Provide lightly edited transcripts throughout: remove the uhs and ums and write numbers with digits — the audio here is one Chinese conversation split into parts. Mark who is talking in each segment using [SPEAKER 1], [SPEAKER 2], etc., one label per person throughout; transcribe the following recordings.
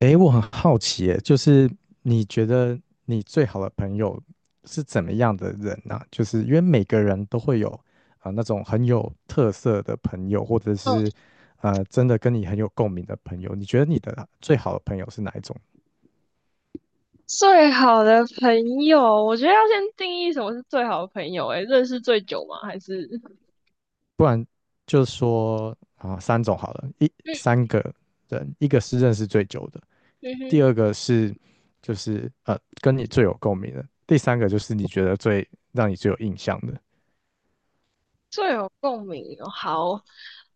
[SPEAKER 1] 诶，我很好奇耶，就是你觉得你最好的朋友是怎么样的人呢、就是因为每个人都会有啊、那种很有特色的朋友，或者是真的跟你很有共鸣的朋友。你觉得你的最好的朋友是哪一种？
[SPEAKER 2] 最好的朋友，我觉得要先定义什么是最好的朋友、欸。诶，认识最久吗？还是，
[SPEAKER 1] 不然就说啊、三种好了，一
[SPEAKER 2] 嗯，
[SPEAKER 1] 三个人，一个是认识最久的，
[SPEAKER 2] 嗯哼，
[SPEAKER 1] 第二个是就是跟你最有共鸣的，第三个就是你觉得最让你最有印象的。
[SPEAKER 2] 最有共鸣哦？好，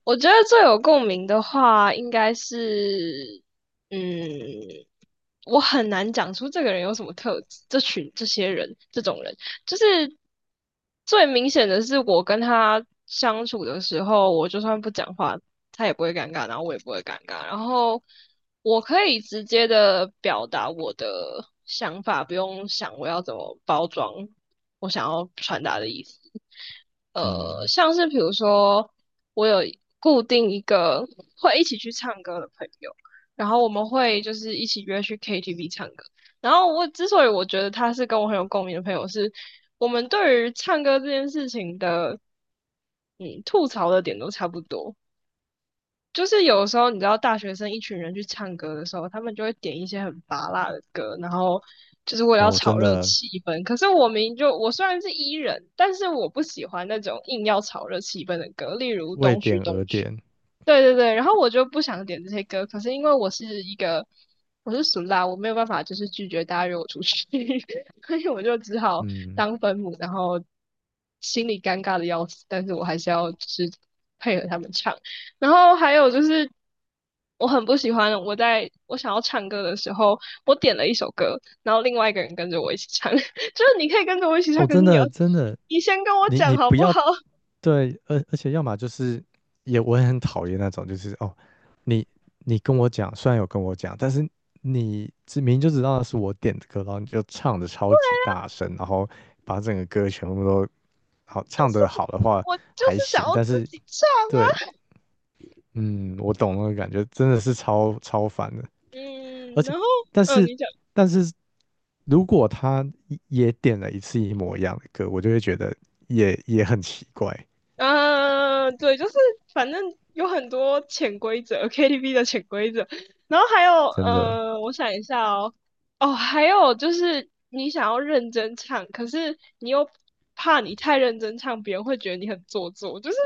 [SPEAKER 2] 我觉得最有共鸣的话，应该是嗯，我很难讲出这个人有什么特质，这群这些人这种人，就是最明显的是我跟他相处的时候，我就算不讲话，他也不会尴尬，然后我也不会尴尬，然后我可以直接的表达我的想法，不用想我要怎么包装我想要传达的意思。
[SPEAKER 1] 嗯，
[SPEAKER 2] 像是比如说，我有固定一个会一起去唱歌的朋友。然后我们会就是一起约去 KTV 唱歌。然后我之所以我觉得他是跟我很有共鸣的朋友是，我们对于唱歌这件事情的，吐槽的点都差不多。就是有时候你知道，大学生一群人去唱歌的时候，他们就会点一些很拔辣的歌，然后就是为了要
[SPEAKER 1] 哦，
[SPEAKER 2] 炒
[SPEAKER 1] 真
[SPEAKER 2] 热
[SPEAKER 1] 的
[SPEAKER 2] 气氛。可是我明明就我虽然是 E 人，但是我不喜欢那种硬要炒热气氛的歌，例如
[SPEAKER 1] 为
[SPEAKER 2] 《东区
[SPEAKER 1] 点
[SPEAKER 2] 东
[SPEAKER 1] 而
[SPEAKER 2] 区》。
[SPEAKER 1] 点，
[SPEAKER 2] 对对对，然后我就不想点这些歌，可是因为我是俗啦，我没有办法就是拒绝大家约我出去，所以我就只好
[SPEAKER 1] 嗯，
[SPEAKER 2] 当分母，然后心里尴尬的要死，但是我还是要就是配合他们唱。然后还有就是我很不喜欢我在我想要唱歌的时候，我点了一首歌，然后另外一个人跟着我一起唱，就是你可以跟着我一起唱，
[SPEAKER 1] 哦，
[SPEAKER 2] 可是
[SPEAKER 1] 真的真的，
[SPEAKER 2] 你先跟我
[SPEAKER 1] 你
[SPEAKER 2] 讲
[SPEAKER 1] 你
[SPEAKER 2] 好
[SPEAKER 1] 不
[SPEAKER 2] 不
[SPEAKER 1] 要
[SPEAKER 2] 好？
[SPEAKER 1] 对，而且要么就是我也很讨厌那种，就是哦，你你跟我讲，虽然有跟我讲，但是明明就知道是我点的歌，然后你就唱的超级大声，然后把整个歌全部都好唱的好的话
[SPEAKER 2] 我就
[SPEAKER 1] 还
[SPEAKER 2] 是想
[SPEAKER 1] 行，
[SPEAKER 2] 要
[SPEAKER 1] 但
[SPEAKER 2] 自
[SPEAKER 1] 是
[SPEAKER 2] 己唱
[SPEAKER 1] 对，
[SPEAKER 2] 啊。
[SPEAKER 1] 嗯，我懂那个感觉，真的是超超烦的。而
[SPEAKER 2] 嗯，
[SPEAKER 1] 且
[SPEAKER 2] 然后，
[SPEAKER 1] 但
[SPEAKER 2] 嗯，
[SPEAKER 1] 是
[SPEAKER 2] 你讲，
[SPEAKER 1] 但是如果他也点了一次一模一样的歌，我就会觉得也很奇怪，
[SPEAKER 2] 嗯，对，就是反正有很多潜规则，KTV 的潜规则，然后还有，
[SPEAKER 1] 真的。
[SPEAKER 2] 我想一下哦。哦，还有就是你想要认真唱，可是你又怕你太认真唱，别人会觉得你很做作，就是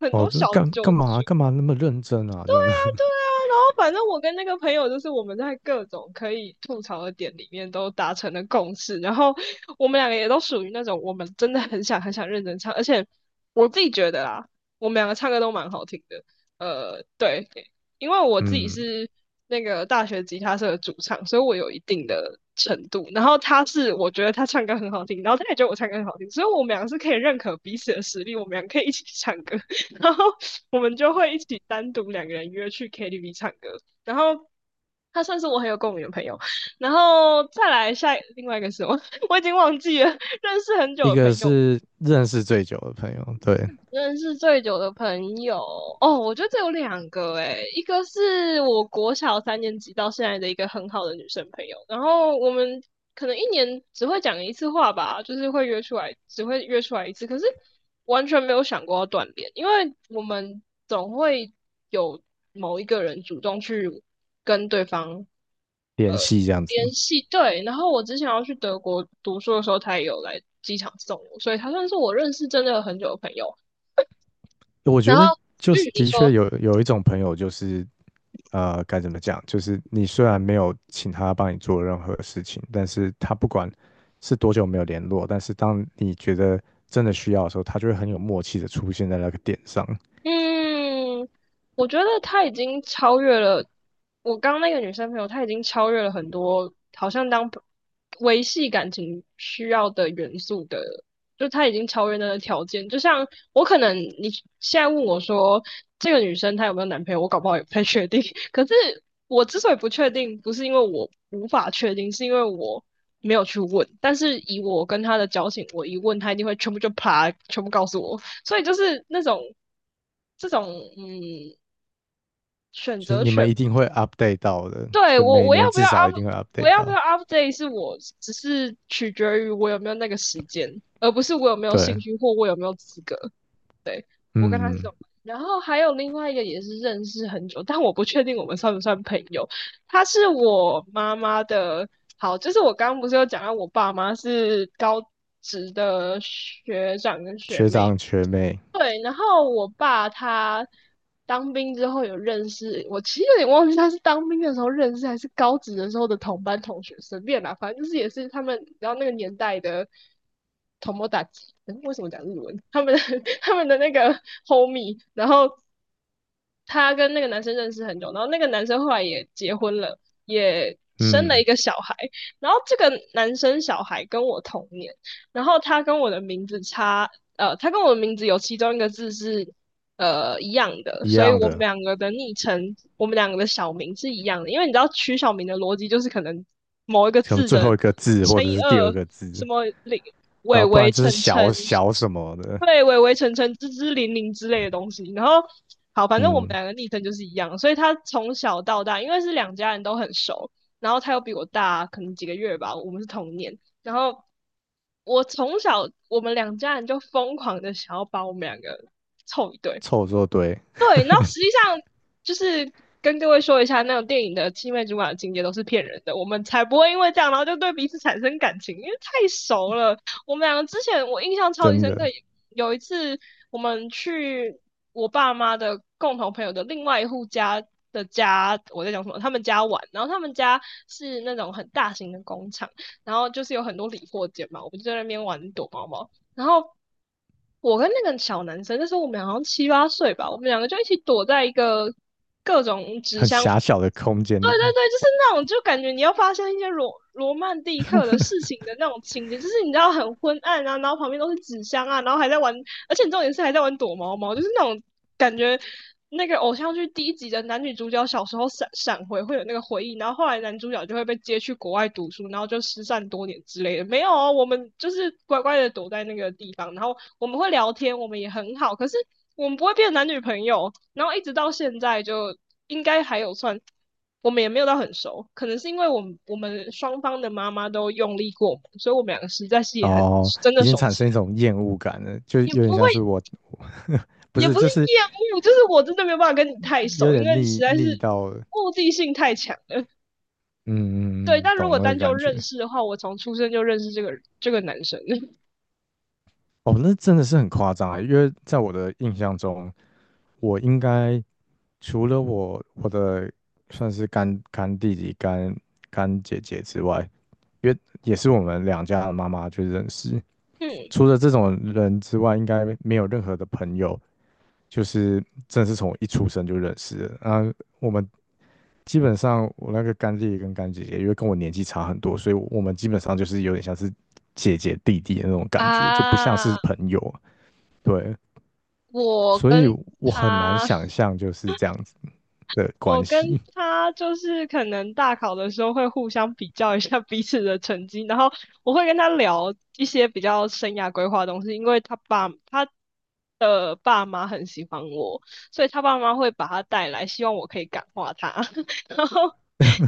[SPEAKER 2] 很
[SPEAKER 1] 哦，
[SPEAKER 2] 多
[SPEAKER 1] 就
[SPEAKER 2] 小
[SPEAKER 1] 是干
[SPEAKER 2] 纠
[SPEAKER 1] 干嘛
[SPEAKER 2] 结。
[SPEAKER 1] 干嘛那么认真啊？这样子，
[SPEAKER 2] 对啊，然后反正我跟那个朋友就是我们在各种可以吐槽的点里面都达成了共识，然后我们两个也都属于那种我们真的很想很想认真唱，而且我自己觉得啦，我们两个唱歌都蛮好听的。对，因为我 自己
[SPEAKER 1] 嗯，
[SPEAKER 2] 是那个大学吉他社的主唱，所以我有一定的程度。然后他是我觉得他唱歌很好听，然后他也觉得我唱歌很好听，所以我们两个是可以认可彼此的实力，我们两个可以一起唱歌。然后我们就会一起单独两个人约去 KTV 唱歌，然后他算是我很有共鸣的朋友，然后再来下另外一个是我，我已经忘记了认识很久
[SPEAKER 1] 一
[SPEAKER 2] 的
[SPEAKER 1] 个
[SPEAKER 2] 朋友，
[SPEAKER 1] 是认识最久的朋友，对，
[SPEAKER 2] 认识最久的朋友哦，我觉得这有两个诶，一个是我国小三年级到现在的一个很好的女生朋友，然后我们可能一年只会讲一次话吧，就是会约出来，只会约出来一次，可是完全没有想过要断联，因为我们总会有某一个人主动去跟对方
[SPEAKER 1] 联系这样子。
[SPEAKER 2] 联系，对，然后我之前要去德国读书的时候，他也有来机场送我，所以他算是我认识真的很久的朋友。
[SPEAKER 1] 我觉
[SPEAKER 2] 然后，
[SPEAKER 1] 得就
[SPEAKER 2] 嗯，
[SPEAKER 1] 是
[SPEAKER 2] 你
[SPEAKER 1] 的
[SPEAKER 2] 说，
[SPEAKER 1] 确有一种朋友，就是，该怎么讲？就是你虽然没有请他帮你做任何事情，但是他不管是多久没有联络，但是当你觉得真的需要的时候，他就会很有默契的出现在那个点上，
[SPEAKER 2] 嗯，我觉得她已经超越了我刚刚那个女生朋友，她已经超越了很多好像当朋维系感情需要的元素的，就她已经超越那个条件。就像我可能你现在问我说这个女生她有没有男朋友，我搞不好也不太确定。可是我之所以不确定，不是因为我无法确定，是因为我没有去问。但是以我跟她的交情，我一问她一定会全部就啪，全部告诉我。所以就是那种这种嗯选
[SPEAKER 1] 就是
[SPEAKER 2] 择
[SPEAKER 1] 你
[SPEAKER 2] 权，
[SPEAKER 1] 们一定会 update 到的，就
[SPEAKER 2] 对，
[SPEAKER 1] 是每年至少 一定会
[SPEAKER 2] 我
[SPEAKER 1] update
[SPEAKER 2] 要不
[SPEAKER 1] 到。
[SPEAKER 2] 要 update 是我只是取决于我有没有那个时间，而不是我有没有
[SPEAKER 1] 对，
[SPEAKER 2] 兴趣或我有没有资格。我跟他是这
[SPEAKER 1] 嗯，
[SPEAKER 2] 种。然后还有另外一个也是认识很久，但我不确定我们算不算朋友。他是我妈妈的，好，就是我刚刚不是有讲到我爸妈是高职的学长跟学
[SPEAKER 1] 学
[SPEAKER 2] 妹，
[SPEAKER 1] 长学妹，
[SPEAKER 2] 对，然后我爸他当兵之后有认识，我其实有点忘记他是当兵的时候认识还是高职的时候的同班同学，随便啦，反正就是也是他们，然后那个年代的同谋打击，诶为什么讲日文？他们的 他们的那个 homie，然后他跟那个男生认识很久，然后那个男生后来也结婚了，也生了一
[SPEAKER 1] 嗯，
[SPEAKER 2] 个小孩，然后这个男生小孩跟我同年，然后他跟我的名字有其中一个字是一样的，
[SPEAKER 1] 一
[SPEAKER 2] 所以
[SPEAKER 1] 样
[SPEAKER 2] 我们
[SPEAKER 1] 的，
[SPEAKER 2] 两个的昵称，我们两个的小名是一样的。因为你知道取小名的逻辑就是可能某一个
[SPEAKER 1] 可能
[SPEAKER 2] 字
[SPEAKER 1] 最
[SPEAKER 2] 的
[SPEAKER 1] 后一个字或
[SPEAKER 2] 乘
[SPEAKER 1] 者
[SPEAKER 2] 以
[SPEAKER 1] 是第二
[SPEAKER 2] 二，
[SPEAKER 1] 个
[SPEAKER 2] 什
[SPEAKER 1] 字，
[SPEAKER 2] 么零
[SPEAKER 1] 然
[SPEAKER 2] 伟
[SPEAKER 1] 后不然
[SPEAKER 2] 伟
[SPEAKER 1] 就
[SPEAKER 2] 成
[SPEAKER 1] 是
[SPEAKER 2] 成，
[SPEAKER 1] 小小什么的，
[SPEAKER 2] 对，伟伟成成，支支零零之类的东西。然后好，反正我们
[SPEAKER 1] 嗯，
[SPEAKER 2] 两个昵称就是一样，所以他从小到大，因为是两家人都很熟，然后他又比我大可能几个月吧，我们是同年。然后我从小我们两家人就疯狂的想要把我们两个凑一对，
[SPEAKER 1] 凑作堆，
[SPEAKER 2] 对，然后实际上就是跟各位说一下，那种电影的青梅竹马的情节都是骗人的，我们才不会因为这样，然后就对彼此产生感情，因为太熟了。我们两个之前我印象超级
[SPEAKER 1] 真
[SPEAKER 2] 深刻，
[SPEAKER 1] 的
[SPEAKER 2] 有一次我们去我爸妈的共同朋友的另外一户家的家，我在讲什么？他们家玩，然后他们家是那种很大型的工厂，然后就是有很多理货间嘛，我们就在那边玩躲猫猫。然后我跟那个小男生，那时候我们好像七八岁吧，我们两个就一起躲在一个各种纸
[SPEAKER 1] 很
[SPEAKER 2] 箱。
[SPEAKER 1] 狭小的空间
[SPEAKER 2] 对对
[SPEAKER 1] 里。
[SPEAKER 2] 对，就是那种，就感觉你要发生一些罗曼蒂克的事情的那种情节，就是你知道很昏暗啊，然后旁边都是纸箱啊，然后还在玩，而且重点是还在玩躲猫猫，就是那种。感觉那个偶像剧第一集的男女主角小时候闪闪回会有那个回忆，然后后来男主角就会被接去国外读书，然后就失散多年之类的。没有啊，我们就是乖乖的躲在那个地方，然后我们会聊天，我们也很好，可是我们不会变男女朋友。然后一直到现在就应该还有算，我们也没有到很熟，可能是因为我们双方的妈妈都用力过猛，所以我们两个实在是也很
[SPEAKER 1] 哦，
[SPEAKER 2] 真的
[SPEAKER 1] 已经
[SPEAKER 2] 熟
[SPEAKER 1] 产
[SPEAKER 2] 起
[SPEAKER 1] 生一
[SPEAKER 2] 来，
[SPEAKER 1] 种厌恶感了，就
[SPEAKER 2] 也
[SPEAKER 1] 有点
[SPEAKER 2] 不会
[SPEAKER 1] 像是我，我 不
[SPEAKER 2] 也不
[SPEAKER 1] 是，
[SPEAKER 2] 是
[SPEAKER 1] 就是
[SPEAKER 2] 厌恶，就是我真的没有办法跟你太
[SPEAKER 1] 有
[SPEAKER 2] 熟，因
[SPEAKER 1] 点
[SPEAKER 2] 为实
[SPEAKER 1] 腻
[SPEAKER 2] 在
[SPEAKER 1] 腻
[SPEAKER 2] 是
[SPEAKER 1] 到了，
[SPEAKER 2] 目的性太强了。对，
[SPEAKER 1] 嗯，嗯
[SPEAKER 2] 但如
[SPEAKER 1] 懂
[SPEAKER 2] 果
[SPEAKER 1] 那个
[SPEAKER 2] 单就
[SPEAKER 1] 感
[SPEAKER 2] 认
[SPEAKER 1] 觉。
[SPEAKER 2] 识的话，我从出生就认识这个男生了。
[SPEAKER 1] 哦，那真的是很夸张啊，因为在我的印象中，我应该除了我的算是干干弟弟、干干姐姐之外，因为也是我们两家的妈妈就认识，
[SPEAKER 2] 嗯
[SPEAKER 1] 除了这种人之外，应该没有任何的朋友就是真的是从我一出生就认识的。啊，我们基本上我那个干弟弟跟干姐姐，因为跟我年纪差很多，所以我们基本上就是有点像是姐姐弟弟的那种感觉，就不像是
[SPEAKER 2] 啊，
[SPEAKER 1] 朋友。对，
[SPEAKER 2] 我
[SPEAKER 1] 所
[SPEAKER 2] 跟
[SPEAKER 1] 以我很难
[SPEAKER 2] 他
[SPEAKER 1] 想象就是这样子的关
[SPEAKER 2] 我跟
[SPEAKER 1] 系，
[SPEAKER 2] 他就是可能大考的时候会互相比较一下彼此的成绩，然后我会跟他聊一些比较生涯规划的东西，因为他的爸妈很喜欢我，所以他爸妈会把他带来，希望我可以感化他，然后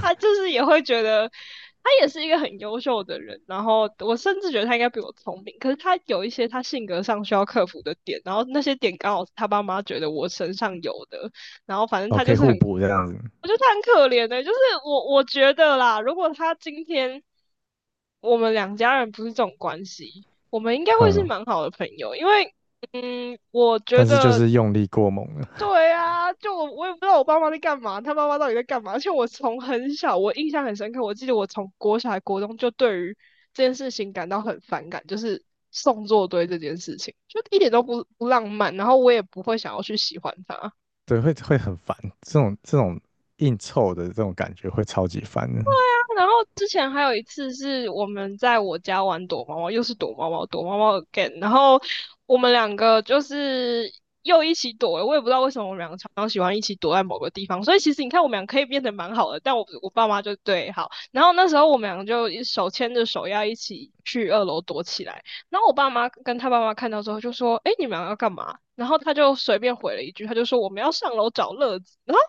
[SPEAKER 2] 他就是也会觉得他也是一个很优秀的人，然后我甚至觉得他应该比我聪明，可是他有一些他性格上需要克服的点，然后那些点刚好是他爸妈觉得我身上有的。然后反正
[SPEAKER 1] 哦，
[SPEAKER 2] 他
[SPEAKER 1] 可
[SPEAKER 2] 就
[SPEAKER 1] 以
[SPEAKER 2] 是
[SPEAKER 1] 互
[SPEAKER 2] 很，
[SPEAKER 1] 补这样子，
[SPEAKER 2] 我觉得他很可怜的、就是我觉得啦，如果他今天我们两家人不是这种关系，我们应该会是
[SPEAKER 1] 嗯，
[SPEAKER 2] 蛮好的朋友，因为嗯，我觉
[SPEAKER 1] 但是就
[SPEAKER 2] 得
[SPEAKER 1] 是用力过猛了，
[SPEAKER 2] 对啊，就我也不知道我爸妈在干嘛，他爸妈到底在干嘛，而且我从很小，我印象很深刻，我记得我从国小还国中就对于这件事情感到很反感，就是送作堆这件事情，就一点都不浪漫，然后我也不会想要去喜欢他。
[SPEAKER 1] 对，会很烦，这种硬凑的这种感觉会超级烦的。
[SPEAKER 2] 然后之前还有一次是我们在我家玩躲猫猫，又是躲猫猫，躲猫猫 again,然后我们两个就是又一起躲了，我也不知道为什么我们两个常常喜欢一起躲在某个地方，所以其实你看我们俩可以变得蛮好的，但我我爸妈就对好，然后那时候我们两个就手牵着手要一起去2楼躲起来，然后我爸妈跟他爸妈看到之后就说："哎，你们要干嘛？"然后他就随便回了一句，他就说："我们要上楼找乐子。"然后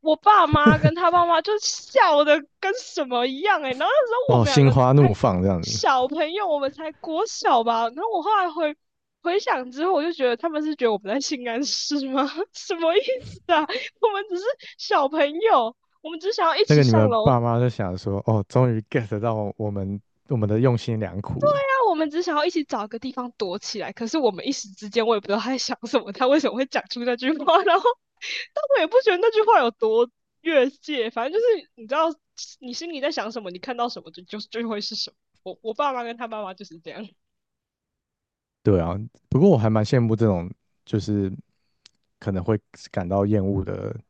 [SPEAKER 2] 我爸妈跟他爸妈就笑的跟什么一样哎、欸然后那时候我
[SPEAKER 1] 哦，
[SPEAKER 2] 们两
[SPEAKER 1] 心
[SPEAKER 2] 个
[SPEAKER 1] 花
[SPEAKER 2] 还
[SPEAKER 1] 怒放这样子，
[SPEAKER 2] 小朋友，我们才国小吧。然后我后来回想之后，我就觉得他们是觉得我们在性暗示吗？什么意思啊？我们只是小朋友，我们只想要一
[SPEAKER 1] 那
[SPEAKER 2] 起
[SPEAKER 1] 个你
[SPEAKER 2] 上
[SPEAKER 1] 们
[SPEAKER 2] 楼
[SPEAKER 1] 爸妈就想说，哦，终于 get 到我们的用心良苦了。
[SPEAKER 2] 那我们只想要一起找个地方躲起来，可是我们一时之间我也不知道他在想什么，他为什么会讲出那句话，然后但我也不觉得那句话有多越界，反正就是你知道你心里在想什么，你看到什么就会是什么。我爸妈跟他爸妈就是这样。
[SPEAKER 1] 对啊，不过我还蛮羡慕这种，就是可能会感到厌恶的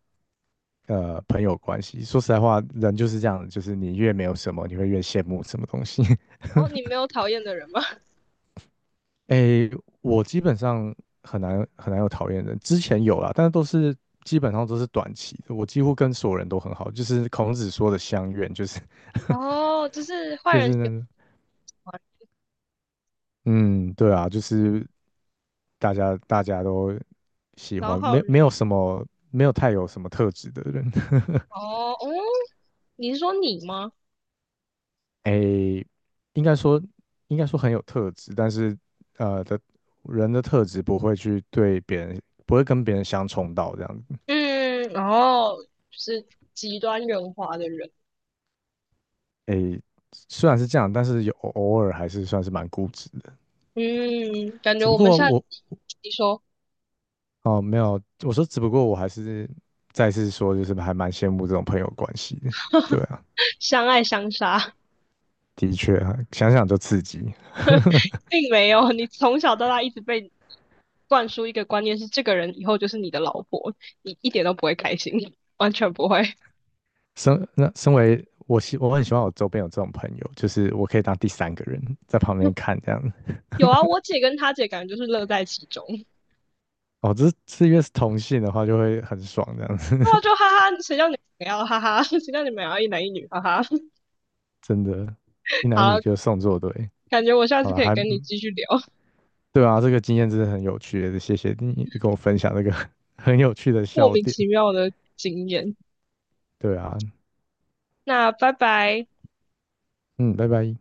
[SPEAKER 1] 朋友关系。说实在话，人就是这样，就是你越没有什么，你会越羡慕什么东西。
[SPEAKER 2] 然后你没有讨厌的人吗？
[SPEAKER 1] 诶，我基本上很难有讨厌人，之前有啦，但是都是基本上都是短期的。我几乎跟所有人都很好，就是孔子说的相怨，就是
[SPEAKER 2] 哦，就是坏
[SPEAKER 1] 就
[SPEAKER 2] 人
[SPEAKER 1] 是
[SPEAKER 2] 喜
[SPEAKER 1] 那个
[SPEAKER 2] 欢好
[SPEAKER 1] 嗯，对啊，就是大家都喜
[SPEAKER 2] 然后
[SPEAKER 1] 欢，
[SPEAKER 2] 好
[SPEAKER 1] 没
[SPEAKER 2] 人
[SPEAKER 1] 没有什么没有太有什么特质的人，
[SPEAKER 2] 哦哦，你是说你吗？
[SPEAKER 1] 诶，应该说应该说很有特质，但是呃的人的特质不会去对别人不会跟别人相冲到这样子，
[SPEAKER 2] 嗯，然后就是极端圆滑的人。
[SPEAKER 1] 诶，虽然是这样，但是有偶尔还是算是蛮固执的，
[SPEAKER 2] 嗯，感
[SPEAKER 1] 只
[SPEAKER 2] 觉
[SPEAKER 1] 不
[SPEAKER 2] 我们
[SPEAKER 1] 过
[SPEAKER 2] 下
[SPEAKER 1] 我
[SPEAKER 2] 你说。
[SPEAKER 1] 哦没有，我说只不过我还是再次说，就是还蛮羡慕这种朋友关系的，对 啊，
[SPEAKER 2] 相爱相杀，
[SPEAKER 1] 的确啊，想想就刺激。
[SPEAKER 2] 并没有。你从小到大一直被灌输一个观念是，这个人以后就是你的老婆，你一点都不会开心，完全不会。
[SPEAKER 1] 身为我我很喜欢我周边有这种朋友，就是我可以当第三个人在旁边 看这样。
[SPEAKER 2] 有啊，我姐跟她姐感觉就是乐在其中，然
[SPEAKER 1] 哦，这越是同性的话，就会很爽这样子，
[SPEAKER 2] 后就哈哈，谁叫你们要哈哈，谁叫你们要一男一女哈哈。
[SPEAKER 1] 真的，一男一女
[SPEAKER 2] 好，
[SPEAKER 1] 就送作对。
[SPEAKER 2] 感觉我下
[SPEAKER 1] 好
[SPEAKER 2] 次
[SPEAKER 1] 了，
[SPEAKER 2] 可以
[SPEAKER 1] 还
[SPEAKER 2] 跟你继续聊
[SPEAKER 1] 对啊，这个经验真的很有趣，谢谢你跟我分享这个 很有趣的
[SPEAKER 2] 莫
[SPEAKER 1] 笑
[SPEAKER 2] 名
[SPEAKER 1] 点。
[SPEAKER 2] 其妙的经验。
[SPEAKER 1] 对啊，
[SPEAKER 2] 那拜拜。
[SPEAKER 1] 嗯，拜拜。